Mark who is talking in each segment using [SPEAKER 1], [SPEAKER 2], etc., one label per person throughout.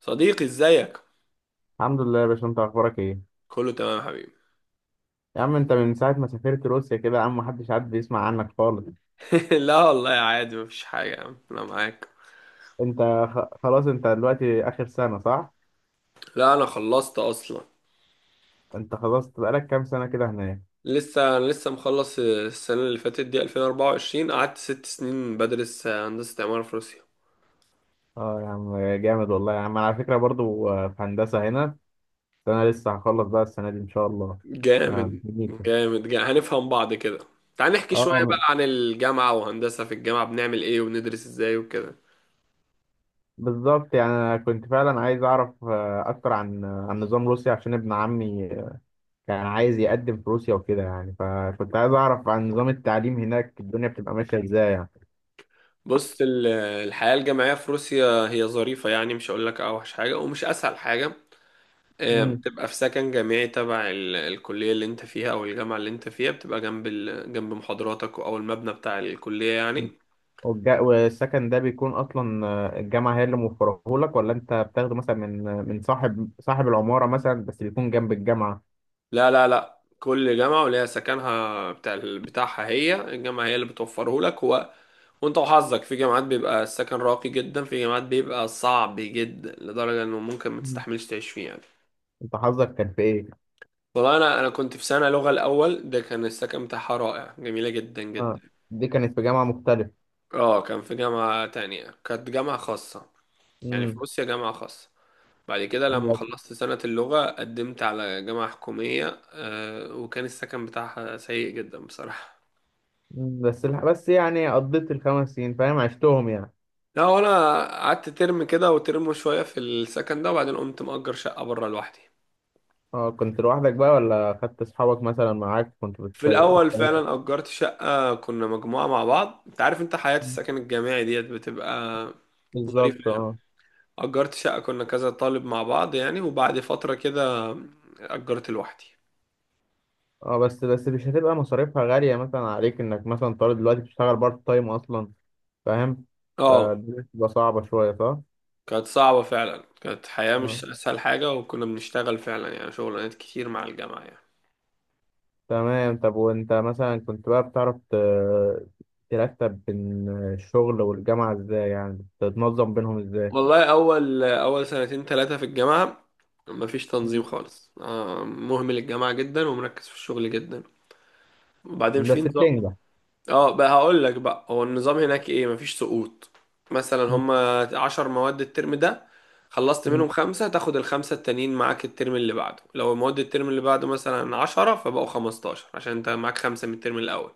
[SPEAKER 1] صديقي، ازيك؟
[SPEAKER 2] الحمد لله يا باشا، انت اخبارك ايه؟
[SPEAKER 1] كله تمام يا حبيبي.
[SPEAKER 2] يا عم انت من ساعه ما سافرت روسيا كده يا عم، محدش بيسمع عنك خالص.
[SPEAKER 1] لا والله، عادي مفيش حاجة يا عم، انا معاك.
[SPEAKER 2] انت خلاص، انت دلوقتي اخر سنه صح؟
[SPEAKER 1] لا، انا خلصت اصلا.
[SPEAKER 2] انت خلاص بقالك كام سنه كده هناك؟
[SPEAKER 1] انا لسه مخلص السنة اللي فاتت دي 2024. قعدت 6 سنين بدرس هندسة عمارة في روسيا.
[SPEAKER 2] اه يا عم جامد والله، يا عم انا على فكره برضو في هندسه هنا. انا لسه هخلص بقى السنه دي ان شاء الله. اه
[SPEAKER 1] جامد
[SPEAKER 2] بكلينيكا.
[SPEAKER 1] جامد جامد، هنفهم بعض كده. تعال نحكي شوية بقى
[SPEAKER 2] اه،
[SPEAKER 1] عن الجامعة وهندسة، في الجامعة بنعمل ايه وبندرس ازاي وكده؟
[SPEAKER 2] بالظبط يعني انا كنت فعلا عايز اعرف اكتر عن نظام روسيا عشان ابن عمي كان عايز يقدم في روسيا وكده، يعني فكنت عايز اعرف عن نظام التعليم هناك الدنيا بتبقى ماشيه ازاي يعني.
[SPEAKER 1] بص، الحياة الجامعية في روسيا هي ظريفة يعني، مش هقول لك اوحش حاجة ومش اسهل حاجة.
[SPEAKER 2] مم.
[SPEAKER 1] بتبقى في سكن جامعي تبع الكلية اللي انت فيها او الجامعة اللي انت فيها، بتبقى جنب محاضراتك او المبنى بتاع الكلية يعني.
[SPEAKER 2] والسكن ده بيكون اصلا الجامعه هي اللي موفره لك، ولا انت بتاخده مثلا من صاحب العماره مثلا بس بيكون جنب الجامعه؟
[SPEAKER 1] لا لا لا، كل جامعة وليها سكنها بتاعها، هي الجامعة هي اللي بتوفره لك وانت وحظك، في جامعات بيبقى السكن راقي جدا، في جامعات بيبقى صعب جدا لدرجة انه ممكن ما
[SPEAKER 2] مم.
[SPEAKER 1] تستحملش تعيش فيه يعني.
[SPEAKER 2] انت حظك كان في ايه؟
[SPEAKER 1] والله انا كنت في سنة لغة الاول، ده كان السكن بتاعها رائع، جميلة جدا
[SPEAKER 2] اه،
[SPEAKER 1] جدا.
[SPEAKER 2] دي كانت في جامعه مختلفه.
[SPEAKER 1] اه، كان في جامعة تانية، كانت جامعة خاصة. يعني في
[SPEAKER 2] امم
[SPEAKER 1] روسيا جامعة خاصة. بعد كده لما خلصت سنة اللغة قدمت على جامعة حكومية، وكان السكن بتاعها سيء جدا بصراحة.
[SPEAKER 2] بس يعني قضيت الخمس سنين، فاهم، عشتهم يعني.
[SPEAKER 1] لا وانا، قعدت ترم كده وترم شوية في السكن ده، وبعدين قمت مأجر شقة بره لوحدي.
[SPEAKER 2] اه كنت لوحدك بقى ولا خدت اصحابك مثلا معاك؟ كنت
[SPEAKER 1] في الأول فعلا أجرت شقة، كنا مجموعة مع بعض، انت عارف، انت حياة
[SPEAKER 2] مم.
[SPEAKER 1] السكن الجامعي ديت بتبقى ظريفة
[SPEAKER 2] بالظبط
[SPEAKER 1] يعني.
[SPEAKER 2] اه.
[SPEAKER 1] أجرت شقة كنا كذا طالب مع بعض يعني، وبعد فترة كده أجرت لوحدي.
[SPEAKER 2] اه، بس مش هتبقى مصاريفها غاليه مثلا عليك، انك مثلا طالب دلوقتي بتشتغل بارت تايم اصلا، فاهم،
[SPEAKER 1] اه،
[SPEAKER 2] فدي بتبقى صعبة شوية صح؟
[SPEAKER 1] كانت صعبة فعلا، كانت حياة
[SPEAKER 2] آه.
[SPEAKER 1] مش أسهل حاجة، وكنا بنشتغل فعلا يعني، شغلانات كتير مع الجامعة يعني.
[SPEAKER 2] تمام. طب وانت مثلا كنت بقى بتعرف ترتب بين الشغل والجامعة ازاي؟ يعني تتنظم بينهم ازاي؟
[SPEAKER 1] والله أول أول سنتين ثلاثة في الجامعة مفيش تنظيم
[SPEAKER 2] مم.
[SPEAKER 1] خالص، مهمل الجامعة جدا ومركز في الشغل جدا. وبعدين
[SPEAKER 2] بس
[SPEAKER 1] في نظام.
[SPEAKER 2] بتنجح.
[SPEAKER 1] اه، بقى هقول لك بقى هو النظام هناك ايه. مفيش سقوط. مثلا
[SPEAKER 2] مم.
[SPEAKER 1] هما 10 مواد الترم ده، خلصت
[SPEAKER 2] مم.
[SPEAKER 1] منهم خمسة، تاخد الخمسة التانيين معاك الترم اللي بعده. لو مواد الترم اللي بعده مثلا 10، فبقوا 15 عشان انت معاك خمسة من الترم الأول.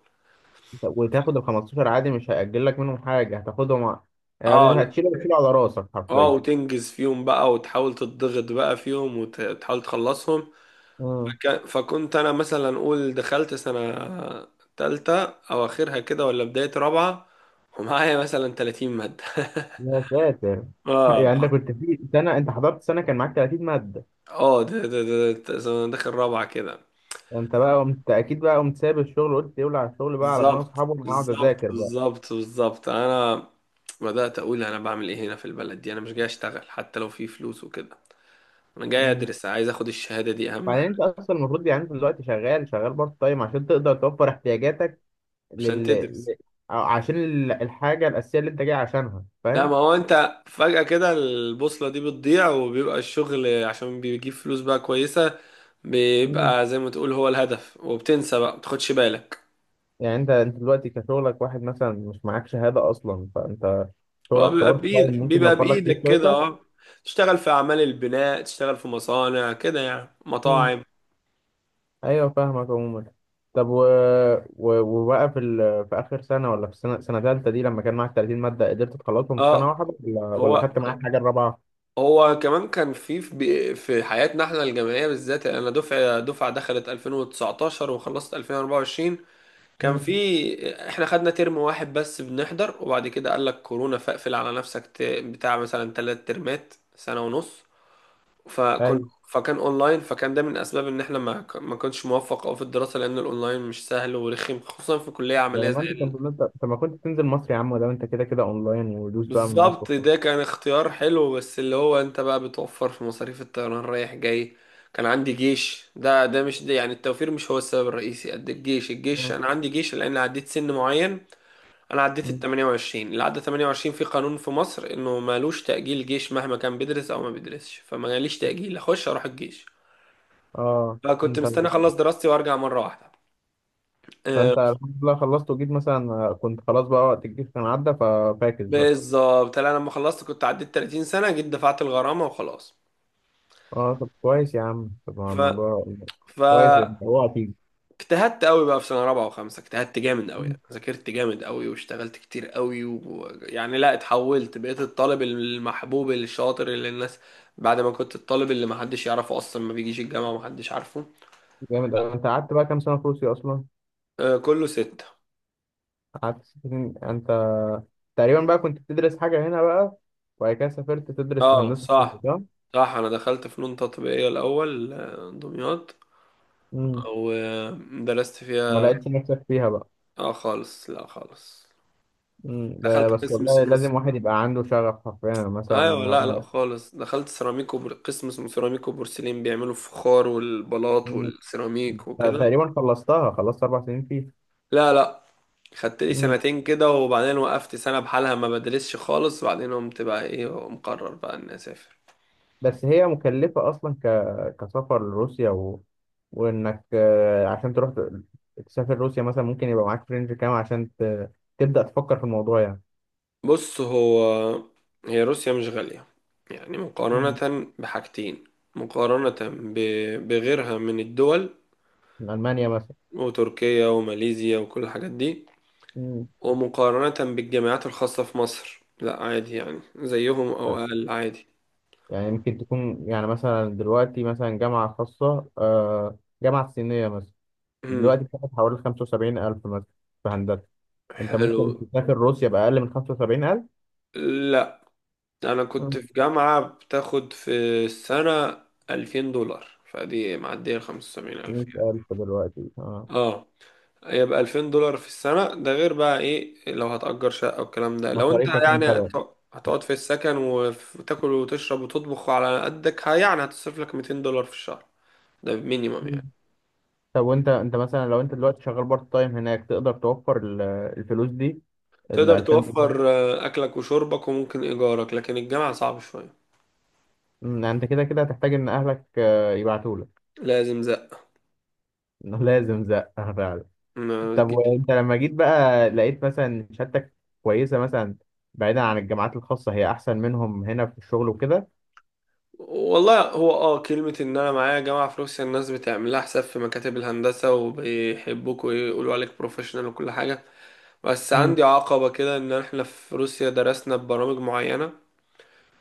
[SPEAKER 2] طب وتاخد ال 15 عادي؟ مش هيأجل لك منهم حاجة؟ هتاخدهم يعني
[SPEAKER 1] اه،
[SPEAKER 2] اللي
[SPEAKER 1] لا.
[SPEAKER 2] هتشيله هتشيله على راسك
[SPEAKER 1] اه،
[SPEAKER 2] حرفيا.
[SPEAKER 1] وتنجز فيهم بقى وتحاول تضغط بقى فيهم وتحاول تخلصهم.
[SPEAKER 2] مم.
[SPEAKER 1] فكنت انا مثلا اقول، دخلت سنة تالتة او اخرها كده، ولا بداية رابعة، ومعايا مثلا 30 مادة.
[SPEAKER 2] يا ساتر
[SPEAKER 1] اه،
[SPEAKER 2] يعني انت كنت في سنة، انت حضرت سنة كان معاك 30 مادة؟
[SPEAKER 1] اه. ده أنا داخل رابعة كده.
[SPEAKER 2] انت بقى قمت اكيد، بقى قمت سايب الشغل وقلت يولع على الشغل بقى على دماغ
[SPEAKER 1] بالظبط،
[SPEAKER 2] اصحابه، انا هقعد
[SPEAKER 1] بالظبط،
[SPEAKER 2] اذاكر.
[SPEAKER 1] بالظبط، بالظبط. انا بدأت اقول انا بعمل ايه هنا في البلد دي؟ انا مش جاي اشتغل حتى لو في فلوس وكده. انا جاي
[SPEAKER 2] مم.
[SPEAKER 1] ادرس، عايز اخد الشهادة دي، اهم
[SPEAKER 2] بعدين انت
[SPEAKER 1] حاجة.
[SPEAKER 2] اصلا المفروض، يعني انت دلوقتي شغال، شغال بارت تايم عشان تقدر توفر احتياجاتك
[SPEAKER 1] عشان
[SPEAKER 2] لل
[SPEAKER 1] تدرس.
[SPEAKER 2] أو عشان الحاجه الاساسيه اللي انت جاي عشانها،
[SPEAKER 1] لا،
[SPEAKER 2] فاهم.
[SPEAKER 1] ما هو انت فجأة كده البوصلة دي بتضيع، وبيبقى الشغل عشان بيجيب فلوس بقى كويسة.
[SPEAKER 2] مم.
[SPEAKER 1] بيبقى زي ما تقول هو الهدف، وبتنسى بقى بتاخدش بالك.
[SPEAKER 2] يعني انت دلوقتي كشغلك واحد مثلا، مش معاك شهاده اصلا، فانت
[SPEAKER 1] هو
[SPEAKER 2] شغلك كبارت تايم ممكن
[SPEAKER 1] بيبقى
[SPEAKER 2] يوفر لك فلوس
[SPEAKER 1] بإيدك كده،
[SPEAKER 2] كويسه.
[SPEAKER 1] اه. تشتغل في أعمال البناء، تشتغل في مصانع كده يعني،
[SPEAKER 2] مم.
[SPEAKER 1] مطاعم.
[SPEAKER 2] ايوه فاهمك عموما. طب وبقى في في اخر سنه، ولا في السنه، سنه ثالثه دي لما كان معاك 30 ماده قدرت تخلصهم في سنه
[SPEAKER 1] اه،
[SPEAKER 2] واحده ولا
[SPEAKER 1] هو
[SPEAKER 2] ولا خدت معاك حاجه الرابعه؟
[SPEAKER 1] هو كمان كان في حياتنا احنا الجامعية بالذات يعني، انا دفعة دخلت 2019 وخلصت 2024. كان
[SPEAKER 2] مم.
[SPEAKER 1] في احنا خدنا ترم واحد بس بنحضر، وبعد كده قال لك كورونا فاقفل على نفسك، بتاع مثلا 3 ترمات، سنة ونص. فكنت.
[SPEAKER 2] ايوه.
[SPEAKER 1] فكان اونلاين، فكان ده من اسباب ان احنا ما كنتش موفق أوي في الدراسة، لان الاونلاين مش سهل ورخم خصوصا في كلية
[SPEAKER 2] ولا
[SPEAKER 1] عملية
[SPEAKER 2] ما
[SPEAKER 1] زي
[SPEAKER 2] انت
[SPEAKER 1] ال...
[SPEAKER 2] كنت انت طب ما كنت تنزل مصر يا عم؟ ولا انت كده كده اونلاين ودوس بقى من مصر
[SPEAKER 1] بالظبط،
[SPEAKER 2] وخلاص.
[SPEAKER 1] ده كان اختيار حلو، بس اللي هو انت بقى بتوفر في مصاريف الطيران رايح جاي. كان عندي جيش، ده مش ده يعني، التوفير مش هو السبب الرئيسي قد الجيش. الجيش
[SPEAKER 2] اه.
[SPEAKER 1] انا عندي جيش لان عديت سن معين. انا عديت ال
[SPEAKER 2] مم.
[SPEAKER 1] 28، اللي عدى 28 في قانون في مصر انه مالوش تأجيل جيش مهما كان بيدرس او ما بيدرسش، فما جاليش تأجيل اخش اروح الجيش. فكنت
[SPEAKER 2] انت
[SPEAKER 1] مستني اخلص
[SPEAKER 2] الأخبار.
[SPEAKER 1] دراستي وارجع مرة واحدة. آه،
[SPEAKER 2] فانت الحمد لله خلصت وجيت مثلا كنت خلاص بقى، وقت الجيش كان عدى ففاكس بقى.
[SPEAKER 1] بالظبط، انا لما خلصت كنت عديت 30 سنة، جيت دفعت الغرامة وخلاص.
[SPEAKER 2] اه طب كويس يا عم، طب
[SPEAKER 1] ف
[SPEAKER 2] والله
[SPEAKER 1] ف
[SPEAKER 2] كويس. انت اوعى تيجي.
[SPEAKER 1] اجتهدت قوي بقى في سنة رابعة وخمسة، اجتهدت جامد قوي
[SPEAKER 2] مم.
[SPEAKER 1] يعني، ذاكرت جامد قوي واشتغلت كتير قوي يعني لا، اتحولت بقيت الطالب المحبوب الشاطر اللي الناس، بعد ما كنت الطالب اللي محدش يعرفه اصلا، ما بيجيش الجامعة ومحدش عارفه.
[SPEAKER 2] جامد أوي. انت قعدت بقى كام سنه في روسيا اصلا؟
[SPEAKER 1] آه، كله 6.
[SPEAKER 2] قعدت ست سنين يعني. انت تقريبا بقى كنت بتدرس حاجه هنا بقى، وبعد كده سافرت تدرس
[SPEAKER 1] اه،
[SPEAKER 2] هندسه في روسيا
[SPEAKER 1] صح.
[SPEAKER 2] صح؟
[SPEAKER 1] صح، انا دخلت فنون تطبيقية الاول، دمياط.
[SPEAKER 2] مم.
[SPEAKER 1] ودرست
[SPEAKER 2] ما
[SPEAKER 1] فيها.
[SPEAKER 2] لقيتش نفسك فيها بقى.
[SPEAKER 1] اه خالص، لا خالص.
[SPEAKER 2] مم.
[SPEAKER 1] دخلت
[SPEAKER 2] ده بس
[SPEAKER 1] قسم
[SPEAKER 2] والله
[SPEAKER 1] سنون.
[SPEAKER 2] لازم واحد يبقى عنده شغف حرفيا مثلا،
[SPEAKER 1] ايوه،
[SPEAKER 2] إن
[SPEAKER 1] لا لا
[SPEAKER 2] هو.
[SPEAKER 1] خالص. دخلت سيراميك قسم اسمه سيراميك وبورسلين، بيعملوا الفخار والبلاط
[SPEAKER 2] مم.
[SPEAKER 1] والسيراميك
[SPEAKER 2] أنا
[SPEAKER 1] وكده.
[SPEAKER 2] تقريبا خلصتها، خلصت اربع سنين فيها.
[SPEAKER 1] لا لا، خدت لي
[SPEAKER 2] مم.
[SPEAKER 1] سنتين كده، وبعدين وقفت سنة بحالها ما بدرسش خالص، وبعدين قمت بقى ايه، مقرر بقى اني اسافر.
[SPEAKER 2] بس هي مكلفة اصلا كسفر لروسيا وانك عشان تروح تسافر روسيا مثلا، ممكن يبقى معاك فرنج كام عشان تبدأ تفكر في الموضوع يعني؟
[SPEAKER 1] بص، هي روسيا مش غالية. يعني
[SPEAKER 2] مم.
[SPEAKER 1] مقارنة بحاجتين، مقارنة بغيرها من الدول،
[SPEAKER 2] من المانيا مثلا.
[SPEAKER 1] وتركيا وماليزيا وكل الحاجات دي.
[SPEAKER 2] مم.
[SPEAKER 1] ومقارنة بالجامعات الخاصة في مصر، لا عادي يعني زيهم أو أقل عادي.
[SPEAKER 2] يعني ممكن تكون يعني مثلا دلوقتي مثلا جامعة خاصة، جامعة صينية مثلا،
[SPEAKER 1] مم.
[SPEAKER 2] دلوقتي بتاخد حوالي خمسة وسبعين ألف مثلا في هندسة. انت
[SPEAKER 1] حلو.
[SPEAKER 2] ممكن تسافر روسيا بأقل من 75,000؟
[SPEAKER 1] لا، أنا كنت في جامعة بتاخد في السنة 2000 دولار، فدي معدية 75,000 يعني.
[SPEAKER 2] 100,000 دلوقتي اه.
[SPEAKER 1] اه، يبقى 2000 دولار في السنة. ده غير بقى ايه لو هتأجر شقة والكلام ده، لو انت
[SPEAKER 2] مصاريفك انت
[SPEAKER 1] يعني
[SPEAKER 2] بقى.
[SPEAKER 1] هتقعد في السكن وتاكل وتشرب وتطبخ على قدك، يعني هتصرف لك 200 دولار في الشهر. ده مينيمم
[SPEAKER 2] مم.
[SPEAKER 1] يعني.
[SPEAKER 2] طب وانت مثلا لو انت دلوقتي شغال بارت تايم هناك تقدر توفر الفلوس دي؟ ال
[SPEAKER 1] تقدر
[SPEAKER 2] 2000 دولار.
[SPEAKER 1] توفر أكلك وشربك وممكن إيجارك، لكن الجامعة صعب شوية.
[SPEAKER 2] انت كده كده هتحتاج ان اهلك يبعتوا لك.
[SPEAKER 1] لازم زق.
[SPEAKER 2] انه لازم زقه فعلا.
[SPEAKER 1] ما
[SPEAKER 2] طب
[SPEAKER 1] تجيش.
[SPEAKER 2] وانت لما جيت بقى، لقيت مثلا شهادتك كويسه مثلا، بعيدا عن الجامعات الخاصه هي احسن منهم هنا في الشغل وكده؟
[SPEAKER 1] والله، هو كلمة ان انا معايا جامعة في روسيا، الناس بتعمل لها حساب في مكاتب الهندسة، وبيحبوك ويقولوا عليك بروفيشنال وكل حاجة. بس
[SPEAKER 2] مم.
[SPEAKER 1] عندي عقبة كده، ان احنا في روسيا درسنا ببرامج معينة،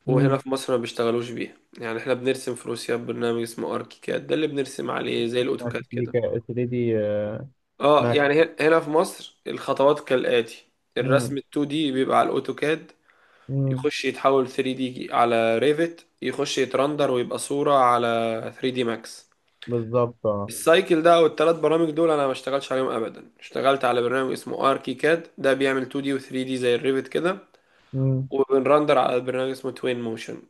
[SPEAKER 1] وهنا
[SPEAKER 2] مم.
[SPEAKER 1] في مصر ما بيشتغلوش بيها. يعني احنا بنرسم في روسيا ببرنامج اسمه اركيكاد، ده اللي بنرسم عليه زي
[SPEAKER 2] ما
[SPEAKER 1] الاوتوكاد
[SPEAKER 2] كنت
[SPEAKER 1] كده.
[SPEAKER 2] قلت لي دي
[SPEAKER 1] اه،
[SPEAKER 2] ما.
[SPEAKER 1] يعني هنا في مصر الخطوات كالآتي: الرسم
[SPEAKER 2] مم.
[SPEAKER 1] ال 2 دي بيبقى على الاوتوكاد،
[SPEAKER 2] مم.
[SPEAKER 1] يخش يتحول 3 دي على ريفت، يخش يترندر ويبقى صورة على 3 دي ماكس.
[SPEAKER 2] بالظبط اه.
[SPEAKER 1] السايكل ده او الثلاث برامج دول انا ما اشتغلتش عليهم ابدا، اشتغلت على برنامج اسمه اركيكاد، ده بيعمل 2 دي و 3 دي زي الريفت كده،
[SPEAKER 2] مم.
[SPEAKER 1] وبنرندر على برنامج اسمه توين موشن.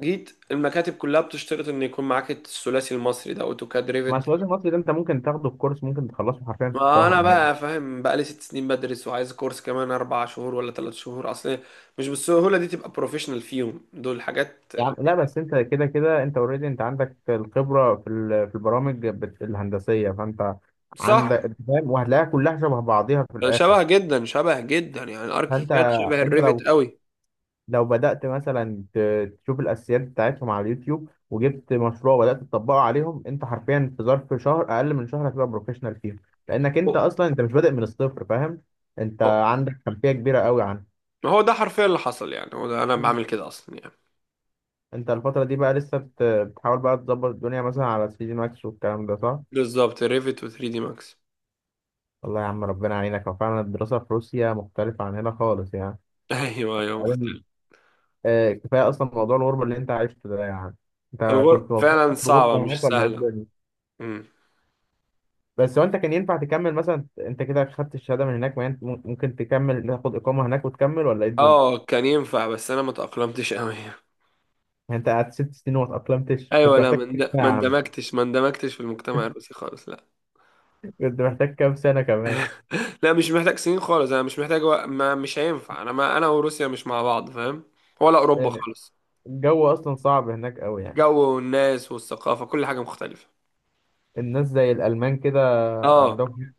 [SPEAKER 1] جيت المكاتب كلها بتشترط ان يكون معاك الثلاثي المصري ده: اوتوكاد،
[SPEAKER 2] مع
[SPEAKER 1] ريفت.
[SPEAKER 2] السواد المصري ده انت ممكن تاخده الكورس، ممكن تخلصه حرفيا في
[SPEAKER 1] ما انا
[SPEAKER 2] شهر يعني.
[SPEAKER 1] بقى فاهم، بقى لي 6 سنين بدرس وعايز كورس كمان 4 شهور ولا 3 شهور. اصل مش بالسهوله دي تبقى بروفيشنال فيهم، دول حاجات.
[SPEAKER 2] يا عم لا، بس انت كده كده انت اوريدي، انت عندك الخبره في في البرامج الهندسيه، فانت
[SPEAKER 1] صح.
[SPEAKER 2] عندك، انت فاهم وهتلاقيها كلها شبه بعضيها في الاخر.
[SPEAKER 1] شبه جدا، شبه جدا، يعني الاركي
[SPEAKER 2] فانت
[SPEAKER 1] كاد شبه
[SPEAKER 2] انت
[SPEAKER 1] الريفت
[SPEAKER 2] لو،
[SPEAKER 1] قوي.
[SPEAKER 2] لو بدات مثلا تشوف الاساسيات بتاعتهم على اليوتيوب وجبت مشروع وبدات تطبقه عليهم، انت حرفيا في ظرف شهر، اقل من شهر هتبقى بروفيشنال فيهم، لانك انت
[SPEAKER 1] هو
[SPEAKER 2] اصلا انت مش بادئ من الصفر، فاهم. انت
[SPEAKER 1] هو-
[SPEAKER 2] عندك خلفيه كبيره قوي عنه.
[SPEAKER 1] ما هو ده حرفيا اللي حصل يعني، هو ده انا بعمل كده اصلا يعني.
[SPEAKER 2] انت الفترة دي بقى لسه بتحاول بقى تظبط الدنيا مثلا على 3 دي ماكس والكلام ده صح؟
[SPEAKER 1] بالظبط، الريفت و 3 دي ماكس.
[SPEAKER 2] والله يا عم ربنا يعينك. هو فعلا الدراسة في روسيا مختلفة عن هنا خالص يعني.
[SPEAKER 1] ايوه، ايوه،
[SPEAKER 2] بعدين
[SPEAKER 1] مختلف.
[SPEAKER 2] آه، كفاية أصلا موضوع الغربة اللي أنت عشته ده يعني. أنت كنت مبسوط
[SPEAKER 1] فعلا
[SPEAKER 2] في
[SPEAKER 1] صعبه،
[SPEAKER 2] الغربة هناك
[SPEAKER 1] مش
[SPEAKER 2] ولا إيه
[SPEAKER 1] سهله.
[SPEAKER 2] الدنيا؟ بس هو أنت كان ينفع تكمل مثلا، أنت كده خدت الشهادة من هناك، ما أنت ممكن تكمل تاخد إقامة هناك وتكمل ولا إيه الدنيا؟
[SPEAKER 1] اه، كان ينفع، بس انا ما تأقلمتش قوي.
[SPEAKER 2] يعني أنت قعدت ست سنين وما اتأقلمتش،
[SPEAKER 1] ايوه،
[SPEAKER 2] كنت
[SPEAKER 1] لا،
[SPEAKER 2] محتاج
[SPEAKER 1] ما
[SPEAKER 2] كام
[SPEAKER 1] اند-
[SPEAKER 2] سنة
[SPEAKER 1] ما
[SPEAKER 2] يا عم؟
[SPEAKER 1] اندمجتش ما اندمجتش في المجتمع الروسي خالص، لا.
[SPEAKER 2] كنت محتاج كام سنة كمان؟
[SPEAKER 1] لا، مش محتاج سنين خالص، انا مش محتاج، وق- ما مش هينفع، انا وروسيا مش مع بعض، فاهم. ولا اوروبا
[SPEAKER 2] آه،
[SPEAKER 1] خالص.
[SPEAKER 2] الجو أصلا صعب هناك أوي يعني.
[SPEAKER 1] جو والناس والثقافة، كل حاجة مختلفة.
[SPEAKER 2] الناس زي الألمان كده،
[SPEAKER 1] اه.
[SPEAKER 2] عندهم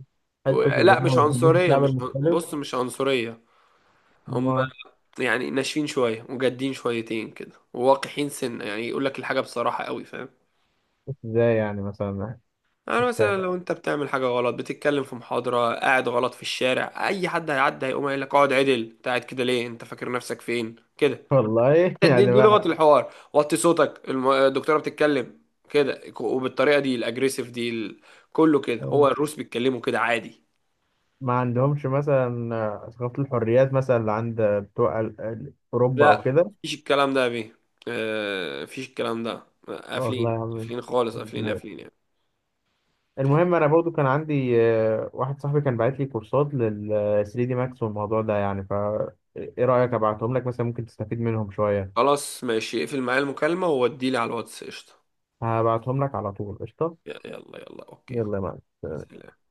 [SPEAKER 2] حتة اللي
[SPEAKER 1] لا
[SPEAKER 2] هم
[SPEAKER 1] مش
[SPEAKER 2] ما بيحبوش
[SPEAKER 1] عنصرية،
[SPEAKER 2] الشعب
[SPEAKER 1] مش عن-
[SPEAKER 2] المختلف.
[SPEAKER 1] بص، مش عنصرية.
[SPEAKER 2] ما
[SPEAKER 1] هم
[SPEAKER 2] أعرفش.
[SPEAKER 1] يعني ناشفين شوية وجادين شويتين كده وواقحين سنة يعني، يقول لك الحاجة بصراحة قوي، فاهم.
[SPEAKER 2] ازاي يعني مثلا؟
[SPEAKER 1] يعني
[SPEAKER 2] مش
[SPEAKER 1] مثلا
[SPEAKER 2] فاهم
[SPEAKER 1] لو انت بتعمل حاجة غلط، بتتكلم في محاضرة، قاعد غلط في الشارع، اي حد هيعدي هيقوم قايل لك: اقعد عدل، انت قاعد كده ليه، انت فاكر نفسك فين كده.
[SPEAKER 2] والله.
[SPEAKER 1] دي,
[SPEAKER 2] يعني
[SPEAKER 1] دي
[SPEAKER 2] ما
[SPEAKER 1] لغة الحوار، وطي صوتك، الدكتورة بتتكلم كده، وبالطريقة دي الاجريسيف دي. كله كده، هو الروس بيتكلموا كده عادي.
[SPEAKER 2] ما عندهمش مثلا ثقافة الحريات مثلا اللي عند بتوع أوروبا أو
[SPEAKER 1] لا،
[SPEAKER 2] كده؟
[SPEAKER 1] مفيش الكلام ده يا بيه. مفيش الكلام ده،
[SPEAKER 2] والله
[SPEAKER 1] قافلين
[SPEAKER 2] يا عم.
[SPEAKER 1] قافلين خالص، قافلين قافلين يعني.
[SPEAKER 2] المهم أنا برضو كان عندي واحد صاحبي كان باعت لي كورسات لل 3 دي ماكس والموضوع ده يعني ف إيه رأيك أبعتهم لك مثلا ممكن تستفيد منهم شوية؟
[SPEAKER 1] خلاص، ماشي، اقفل معايا المكالمة ووديلي على الواتس، قشطة.
[SPEAKER 2] هبعتهم لك على طول، قشطة.
[SPEAKER 1] يلا يلا، اوكي.
[SPEAKER 2] يلا يا معلم.
[SPEAKER 1] سلام.